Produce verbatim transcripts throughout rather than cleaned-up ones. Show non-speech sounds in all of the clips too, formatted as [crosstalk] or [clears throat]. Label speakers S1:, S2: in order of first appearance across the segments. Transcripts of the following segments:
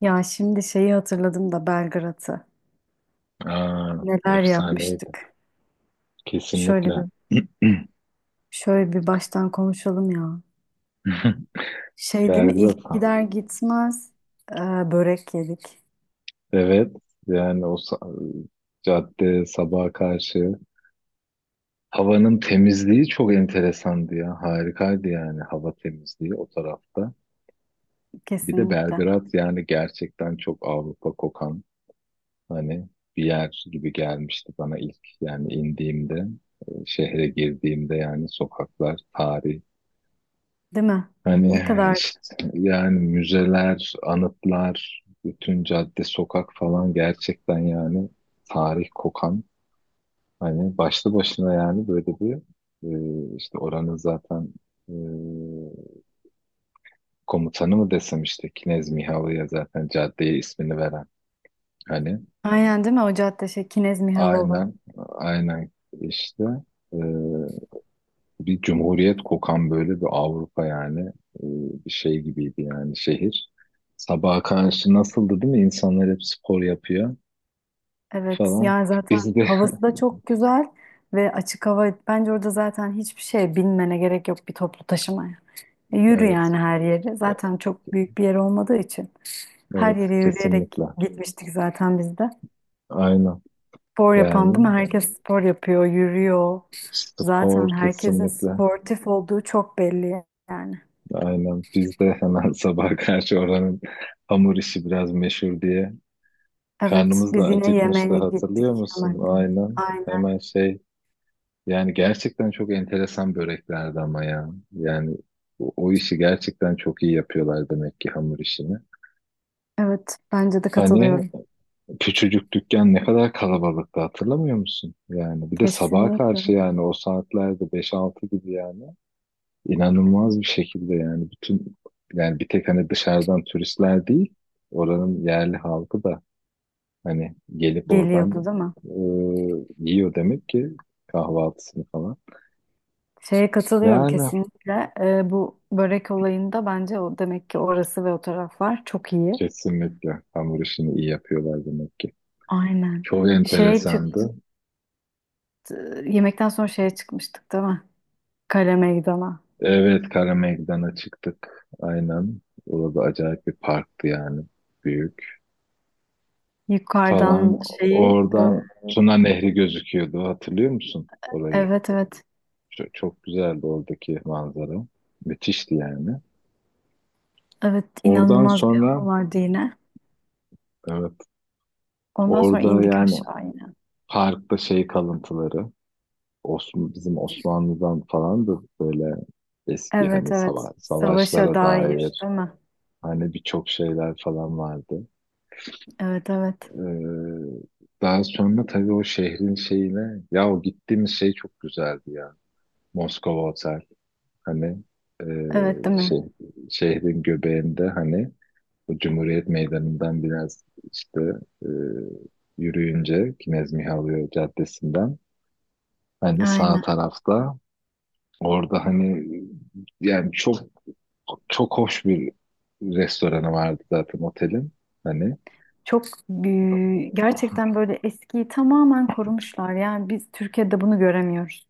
S1: Ya şimdi şeyi hatırladım da Belgrad'ı.
S2: Aa,
S1: Neler
S2: efsaneydi.
S1: yapmıştık.
S2: Kesinlikle.
S1: Şöyle bir
S2: [clears throat]
S1: şöyle bir baştan konuşalım ya. Şey değil mi?
S2: Belgrad.
S1: İlk gider gitmez e, börek yedik.
S2: Evet. Yani o sa- cadde sabaha karşı havanın temizliği çok enteresandı ya. Harikaydı yani hava temizliği o tarafta. Bir de
S1: Kesinlikle.
S2: Belgrad yani gerçekten çok Avrupa kokan hani bir yer gibi gelmişti bana ilk yani indiğimde, e, şehre girdiğimde yani sokaklar, tarih.
S1: Değil mi?
S2: Hani
S1: Ne kadar.
S2: işte yani müzeler, anıtlar, bütün cadde, sokak falan gerçekten yani tarih kokan. Hani başlı başına yani böyle bir e, işte oranın zaten e, komutanı mı desem işte Knez Mihalı'ya zaten caddeye ismini veren. Hani
S1: Aynen değil mi? O cadde şey Kinez Mihalova.
S2: aynen, aynen işte bir cumhuriyet kokan böyle bir Avrupa yani e, bir şey gibiydi yani şehir. Sabaha karşı nasıldı değil mi? İnsanlar hep spor yapıyor
S1: Evet.
S2: falan.
S1: Yani zaten
S2: Biz de
S1: havası da çok güzel ve açık hava. Bence orada zaten hiçbir şeye binmene gerek yok bir toplu taşımaya. E,
S2: [laughs]
S1: Yürü
S2: evet,
S1: yani her yeri. Zaten çok büyük bir yer olmadığı için. Her
S2: evet,
S1: yere yürüyerek
S2: kesinlikle,
S1: gitmiştik zaten biz de.
S2: aynen
S1: Spor yapan değil mi?
S2: yani
S1: Herkes spor yapıyor, yürüyor.
S2: spor
S1: Zaten herkesin
S2: kesinlikle,
S1: sportif olduğu çok belli yani.
S2: aynen biz de hemen [laughs] sabah karşı oranın hamur işi biraz meşhur diye
S1: Evet,
S2: karnımız da
S1: biz yine
S2: acıkmıştı
S1: yemeğe
S2: hatırlıyor
S1: gittik
S2: musun?
S1: hemen dedi.
S2: Aynen
S1: Aynen.
S2: hemen şey. Yani gerçekten çok enteresan böreklerdi ama ya. Yani o, o işi gerçekten çok iyi yapıyorlar demek ki hamur işini.
S1: Evet, bence de
S2: Hani
S1: katılıyorum.
S2: küçücük dükkan ne kadar kalabalıktı hatırlamıyor musun? Yani bir de sabaha
S1: Kesinlikle
S2: karşı yani o saatlerde beş altı gibi yani inanılmaz bir şekilde yani bütün yani bir tek hani dışarıdan turistler değil, oranın yerli halkı da hani gelip oradan
S1: geliyordu değil mi?
S2: e, yiyor demek ki kahvaltısını falan.
S1: Şeye katılıyorum
S2: Yani
S1: kesinlikle. Ee, bu börek olayında bence o demek ki orası ve o taraflar çok iyi.
S2: kesinlikle. Hamur işini iyi yapıyorlar demek ki.
S1: Aynen.
S2: Çok
S1: Şey çıktı,
S2: enteresandı.
S1: yemekten sonra şeye çıkmıştık değil mi? Kale meydana.
S2: Evet, Kara Meydan'a çıktık. Aynen. Orada acayip bir parktı yani. Büyük falan.
S1: Yukarıdan şeyi e,
S2: Oradan Tuna Nehri gözüküyordu. Hatırlıyor musun orayı?
S1: evet evet
S2: Çok, çok güzeldi oradaki manzara. Müthişti yani.
S1: evet
S2: Oradan
S1: inanılmaz bir hava
S2: sonra
S1: vardı yine.
S2: evet
S1: Ondan sonra
S2: orada
S1: indik
S2: yani
S1: aşağı yine.
S2: parkta şey kalıntıları Osman, bizim Osmanlı'dan falan da böyle eski
S1: Evet
S2: hani
S1: evet
S2: sava-
S1: savaşa
S2: savaşlara
S1: dair
S2: dair.
S1: değil mi?
S2: Hani birçok şeyler falan vardı.
S1: Evet evet
S2: Ee, Daha sonra tabii o şehrin şeyine ya o gittiğimiz şey çok güzeldi ya. Moskova Otel. Hani e,
S1: evet değil mi?
S2: şey, şehrin göbeğinde hani o Cumhuriyet Meydanı'ndan biraz işte e, yürüyünce Knez Mihailo Caddesi'nden hani sağ
S1: Aynen.
S2: tarafta orada hani yani çok çok hoş bir restoranı vardı zaten otelin. Hani
S1: Çok e, gerçekten böyle eskiyi tamamen korumuşlar. Yani biz Türkiye'de bunu göremiyoruz.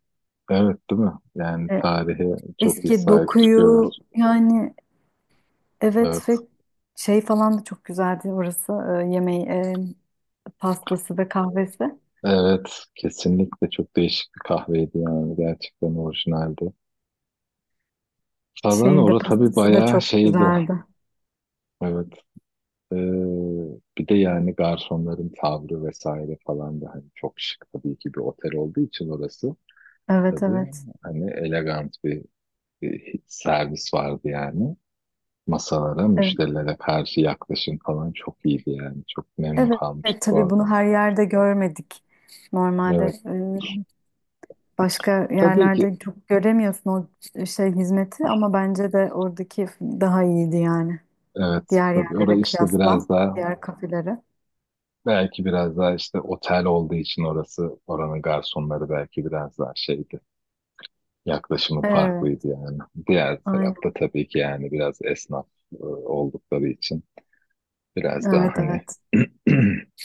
S2: evet, değil mi? Yani
S1: E,
S2: tarihe çok iyi
S1: eski
S2: sahip çıkıyorlar.
S1: dokuyu yani
S2: Evet.
S1: evet ve şey falan da çok güzeldi orası e, yemeği e, pastası ve kahvesi.
S2: Evet. Kesinlikle çok değişik bir kahveydi yani. Gerçekten orijinaldi. Falan
S1: Şeyi de
S2: orası tabii
S1: pastası da
S2: bayağı
S1: çok
S2: şeydi.
S1: güzeldi.
S2: Evet. Ee, Bir de yani garsonların tavrı vesaire falan da hani çok şık tabii ki bir otel olduğu için orası.
S1: Evet
S2: Tabii
S1: evet.
S2: hani elegant bir, bir servis vardı yani. Masalara,
S1: Evet,
S2: müşterilere karşı yaklaşım falan çok iyiydi yani. Çok memnun
S1: evet, evet,
S2: kalmıştık
S1: tabii
S2: orada.
S1: bunu her yerde görmedik. Normalde
S2: Evet.
S1: e, başka
S2: Tabii ki.
S1: yerlerde çok göremiyorsun o şey hizmeti ama bence de oradaki daha iyiydi yani.
S2: Evet,
S1: Diğer
S2: tabii orası
S1: yerlere
S2: işte
S1: kıyasla,
S2: biraz daha
S1: diğer kafelere.
S2: belki biraz daha işte otel olduğu için orası oranın garsonları belki biraz daha şeydi. Yaklaşımı farklıydı
S1: Evet,
S2: yani. Diğer tarafta
S1: aynen.
S2: tabii ki yani biraz esnaf e, oldukları için biraz daha
S1: Evet
S2: hani
S1: evet.
S2: [clears throat]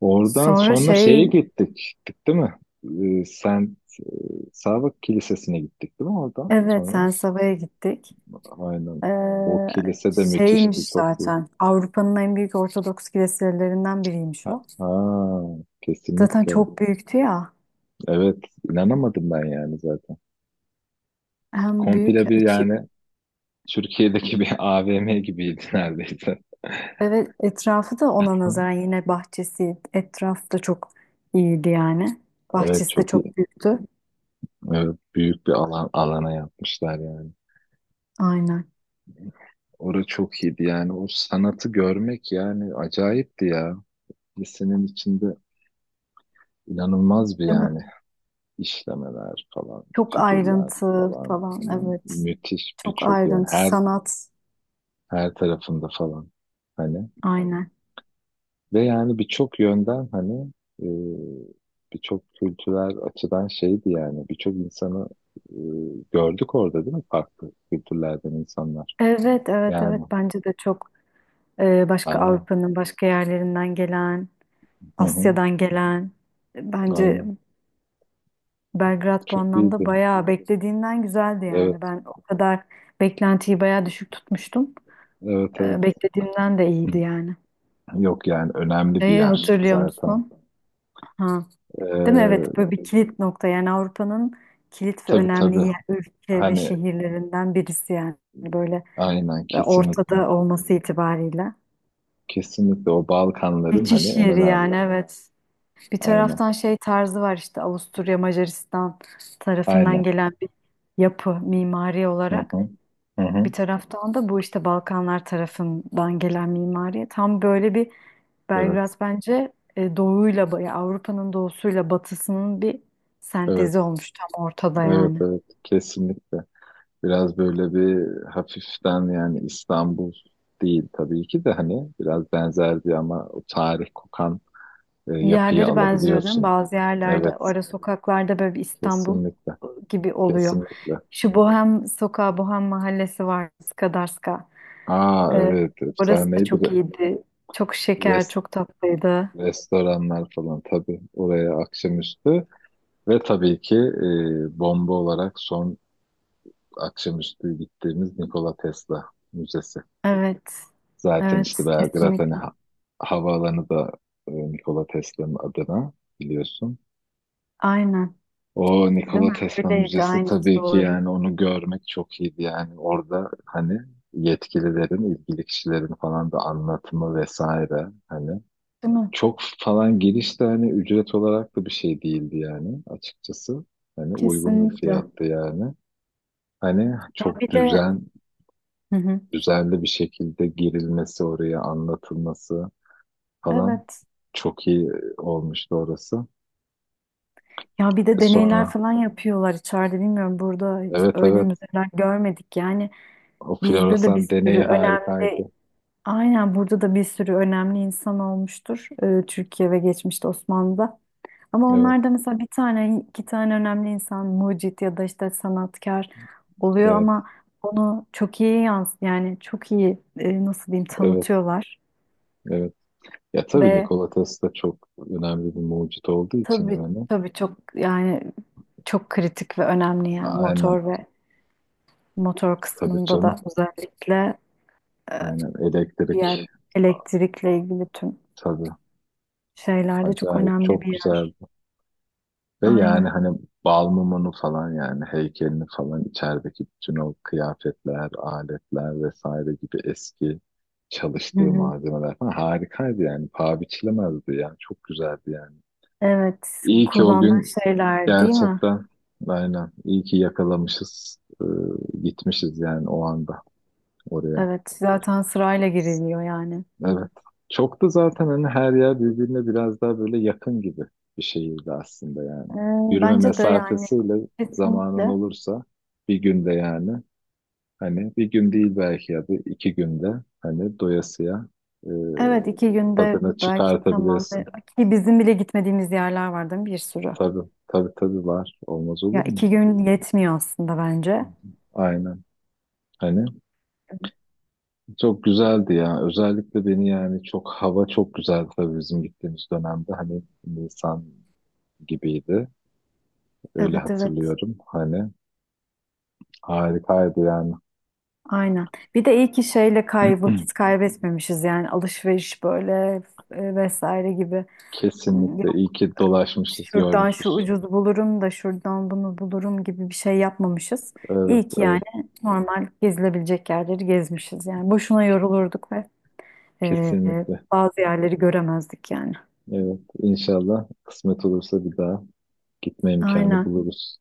S2: oradan
S1: Sonra
S2: sonra şeye
S1: şey,
S2: gittik. Gittik değil mi? Ee, sen Sağbak Kilisesi'ne gittik değil mi oradan
S1: evet
S2: sonra?
S1: Sensava'ya gittik.
S2: Aynen.
S1: Ee,
S2: O kilise de müthişti,
S1: şeymiş
S2: çok iyi.
S1: zaten Avrupa'nın en büyük Ortodoks kiliselerinden biriymiş
S2: Ha,
S1: o.
S2: ha,
S1: Zaten
S2: kesinlikle.
S1: çok büyüktü ya.
S2: Evet, inanamadım ben yani zaten.
S1: Hem büyük
S2: Komple bir
S1: içi
S2: yani Türkiye'deki bir [laughs] A V M gibiydi neredeyse.
S1: evet etrafı da ona nazaran
S2: [laughs]
S1: yine bahçesi etraf da çok iyiydi yani.
S2: Evet
S1: Bahçesi de
S2: çok iyi.
S1: çok büyüktü.
S2: Evet, büyük bir alan alana yapmışlar yani.
S1: Aynen.
S2: Orası çok iyiydi yani. O sanatı görmek yani acayipti ya. Lisenin içinde inanılmaz bir
S1: Değil mi?
S2: yani işlemeler falan,
S1: Çok
S2: figürler
S1: ayrıntı
S2: falan.
S1: falan
S2: mü-
S1: evet.
S2: Müthiş
S1: Çok
S2: birçok yani
S1: ayrıntı
S2: her
S1: sanat.
S2: her tarafında falan. Hani
S1: Aynen.
S2: ve yani birçok yönden hani e, birçok kültürel açıdan şeydi yani birçok insanı e, gördük orada değil mi? Farklı kültürlerden insanlar.
S1: Evet evet evet
S2: Yani
S1: bence de çok e, başka
S2: aynen.
S1: Avrupa'nın başka yerlerinden gelen,
S2: Hı hı,
S1: Asya'dan gelen e, bence
S2: aynen.
S1: Belgrad bu
S2: Çok
S1: anlamda
S2: iyiydi.
S1: bayağı beklediğimden güzeldi yani.
S2: Evet,
S1: Ben o kadar beklentiyi bayağı düşük tutmuştum.
S2: evet, evet.
S1: Ee, beklediğimden de iyiydi yani.
S2: [clears throat] Yok yani önemli bir
S1: Şeyi
S2: yer
S1: hatırlıyor
S2: zaten.
S1: musun? Ha. Değil mi?
S2: Ee,
S1: Evet böyle bir kilit nokta yani Avrupa'nın kilit ve
S2: tabii
S1: önemli
S2: tabii.
S1: yer- ülke ve
S2: Hani
S1: şehirlerinden birisi yani. Böyle
S2: aynen kesinlikle.
S1: ortada olması itibariyle.
S2: Kesinlikle o Balkanların hani
S1: Geçiş
S2: en
S1: yeri
S2: önemli.
S1: yani evet. Bir
S2: Aynen.
S1: taraftan şey tarzı var işte Avusturya Macaristan tarafından
S2: Aynen.
S1: gelen bir yapı mimari
S2: Hı
S1: olarak.
S2: hı. Hı
S1: Bir
S2: hı.
S1: taraftan da bu işte Balkanlar tarafından gelen mimari tam böyle bir Belgrad
S2: Evet.
S1: bence e, doğuyla ba- ya Avrupa'nın doğusuyla batısının bir
S2: Evet.
S1: sentezi olmuş tam ortada
S2: Evet,
S1: yani.
S2: evet kesinlikle. Biraz böyle bir hafiften yani İstanbul değil tabii ki de hani biraz benzer bir ama o tarih kokan e, yapıyı
S1: Yerleri benziyor değil mi?
S2: alabiliyorsun.
S1: Bazı
S2: Evet
S1: yerlerde ara sokaklarda böyle bir İstanbul
S2: kesinlikle,
S1: gibi oluyor.
S2: kesinlikle.
S1: Şu Bohem sokağı, Bohem mahallesi var Skadarska.
S2: Aa
S1: E,
S2: evet
S1: orası da
S2: efsaneydi
S1: çok
S2: re-
S1: iyiydi. Çok şeker,
S2: rest,
S1: çok tatlıydı.
S2: restoranlar falan tabii oraya akşamüstü ve tabii ki e, bomba olarak son akşamüstü gittiğimiz Nikola Tesla Müzesi.
S1: Evet.
S2: Zaten
S1: Evet,
S2: işte Belgrad hani
S1: kesinlikle.
S2: ha- havaalanı da e, Nikola Tesla'nın adına biliyorsun.
S1: Aynen.
S2: O
S1: Değil
S2: Nikola
S1: mi?
S2: Tesla
S1: Öyleydi
S2: Müzesi
S1: aynı
S2: tabii ki
S1: doğru.
S2: yani onu görmek çok iyiydi yani orada hani yetkililerin, ilgili kişilerin falan da anlatımı vesaire hani
S1: Değil mi?
S2: çok falan giriş de hani ücret olarak da bir şey değildi yani açıkçası. Hani uygun bir
S1: Kesinlikle.
S2: fiyattı yani. Hani
S1: Ya
S2: çok
S1: bir de
S2: düzen,
S1: hı hı.
S2: düzenli bir şekilde girilmesi oraya anlatılması falan.
S1: Evet.
S2: Çok iyi e, olmuştu orası.
S1: Ya bir
S2: E evet.
S1: de deneyler
S2: Sonra
S1: falan yapıyorlar içeride bilmiyorum burada hiç
S2: evet,
S1: öyle
S2: evet
S1: müzeler görmedik yani
S2: o
S1: bizde de bir
S2: floresan deneyi
S1: sürü önemli
S2: harikaydı.
S1: aynen burada da bir sürü önemli insan olmuştur e, Türkiye ve geçmişte Osmanlı'da ama
S2: Evet,
S1: onlar da mesela bir tane iki tane önemli insan mucit ya da işte sanatkar oluyor
S2: evet,
S1: ama onu çok iyi yans yani çok iyi e, nasıl diyeyim
S2: evet,
S1: tanıtıyorlar
S2: evet. Ya tabii
S1: ve
S2: Nikola Tesla çok önemli bir mucit olduğu için
S1: tabii
S2: yani.
S1: tabii çok yani çok kritik ve önemli ya
S2: Aynen
S1: motor ve motor
S2: tabii
S1: kısmında da
S2: canım.
S1: özellikle e,
S2: Aynen
S1: bir yer
S2: elektrik
S1: elektrikle ilgili tüm
S2: tabii.
S1: şeylerde çok
S2: Acayip
S1: önemli
S2: çok
S1: bir
S2: güzel.
S1: yer.
S2: Ve yani
S1: Aynen.
S2: hani bal Balmumun'u falan yani heykelini falan içerideki bütün o kıyafetler, aletler vesaire gibi eski
S1: Hı
S2: çalıştığı
S1: hı.
S2: malzemeler falan harikaydı yani. Paha biçilemezdi yani. Çok güzeldi yani.
S1: Evet,
S2: İyi ki o
S1: kullandığı
S2: gün
S1: şeyler değil mi?
S2: gerçekten aynen iyi ki yakalamışız, e, gitmişiz yani o anda oraya.
S1: Evet, zaten sırayla giriliyor yani.
S2: Evet. Çok da zaten hani her yer birbirine biraz daha böyle yakın gibi bir şehirdi aslında yani.
S1: Ee,
S2: Yürüme
S1: bence de yani
S2: mesafesiyle zamanın
S1: kesinlikle.
S2: olursa bir günde yani hani bir gün değil belki ya da iki günde hani doyasıya e,
S1: Evet, iki günde
S2: tadını
S1: belki tamam.
S2: çıkartabilirsin.
S1: Ki bizim bile gitmediğimiz yerler var değil mi? Bir sürü.
S2: Tabii, tabii tabii var. Olmaz
S1: Ya
S2: olur mu?
S1: iki gün yetmiyor aslında bence.
S2: Aynen. Hani çok güzeldi ya. Özellikle beni yani çok hava çok güzeldi tabii bizim gittiğimiz dönemde. Hani Nisan gibiydi. Öyle
S1: Evet evet
S2: hatırlıyorum. Hani harikaydı yani.
S1: aynen. Bir de iyi ki şeyle kay vakit kaybetmemişiz yani alışveriş böyle e, vesaire gibi.
S2: Kesinlikle. İyi
S1: Yok
S2: ki dolaşmışız,
S1: şuradan şu
S2: görmüşüz.
S1: ucuz bulurum da şuradan bunu bulurum gibi bir şey yapmamışız.
S2: Evet,
S1: İyi ki
S2: evet.
S1: yani normal gezilebilecek yerleri gezmişiz yani. Boşuna yorulurduk ve e,
S2: Kesinlikle.
S1: bazı yerleri göremezdik yani.
S2: Evet. İnşallah kısmet olursa bir daha gitme imkanı
S1: Aynen.
S2: buluruz.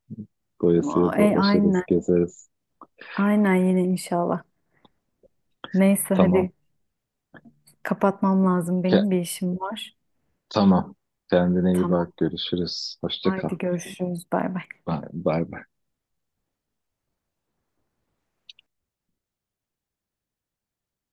S2: Doyasıya
S1: E,
S2: dolaşırız,
S1: aynen.
S2: gezeriz.
S1: Aynen yine inşallah. Neyse
S2: Tamam.
S1: hadi kapatmam lazım
S2: Ke-
S1: benim bir işim var.
S2: tamam. Kendine iyi
S1: Tamam.
S2: bak. Görüşürüz. Hoşça kal.
S1: Haydi görüşürüz. Bay bay.
S2: Bay bay. Bay.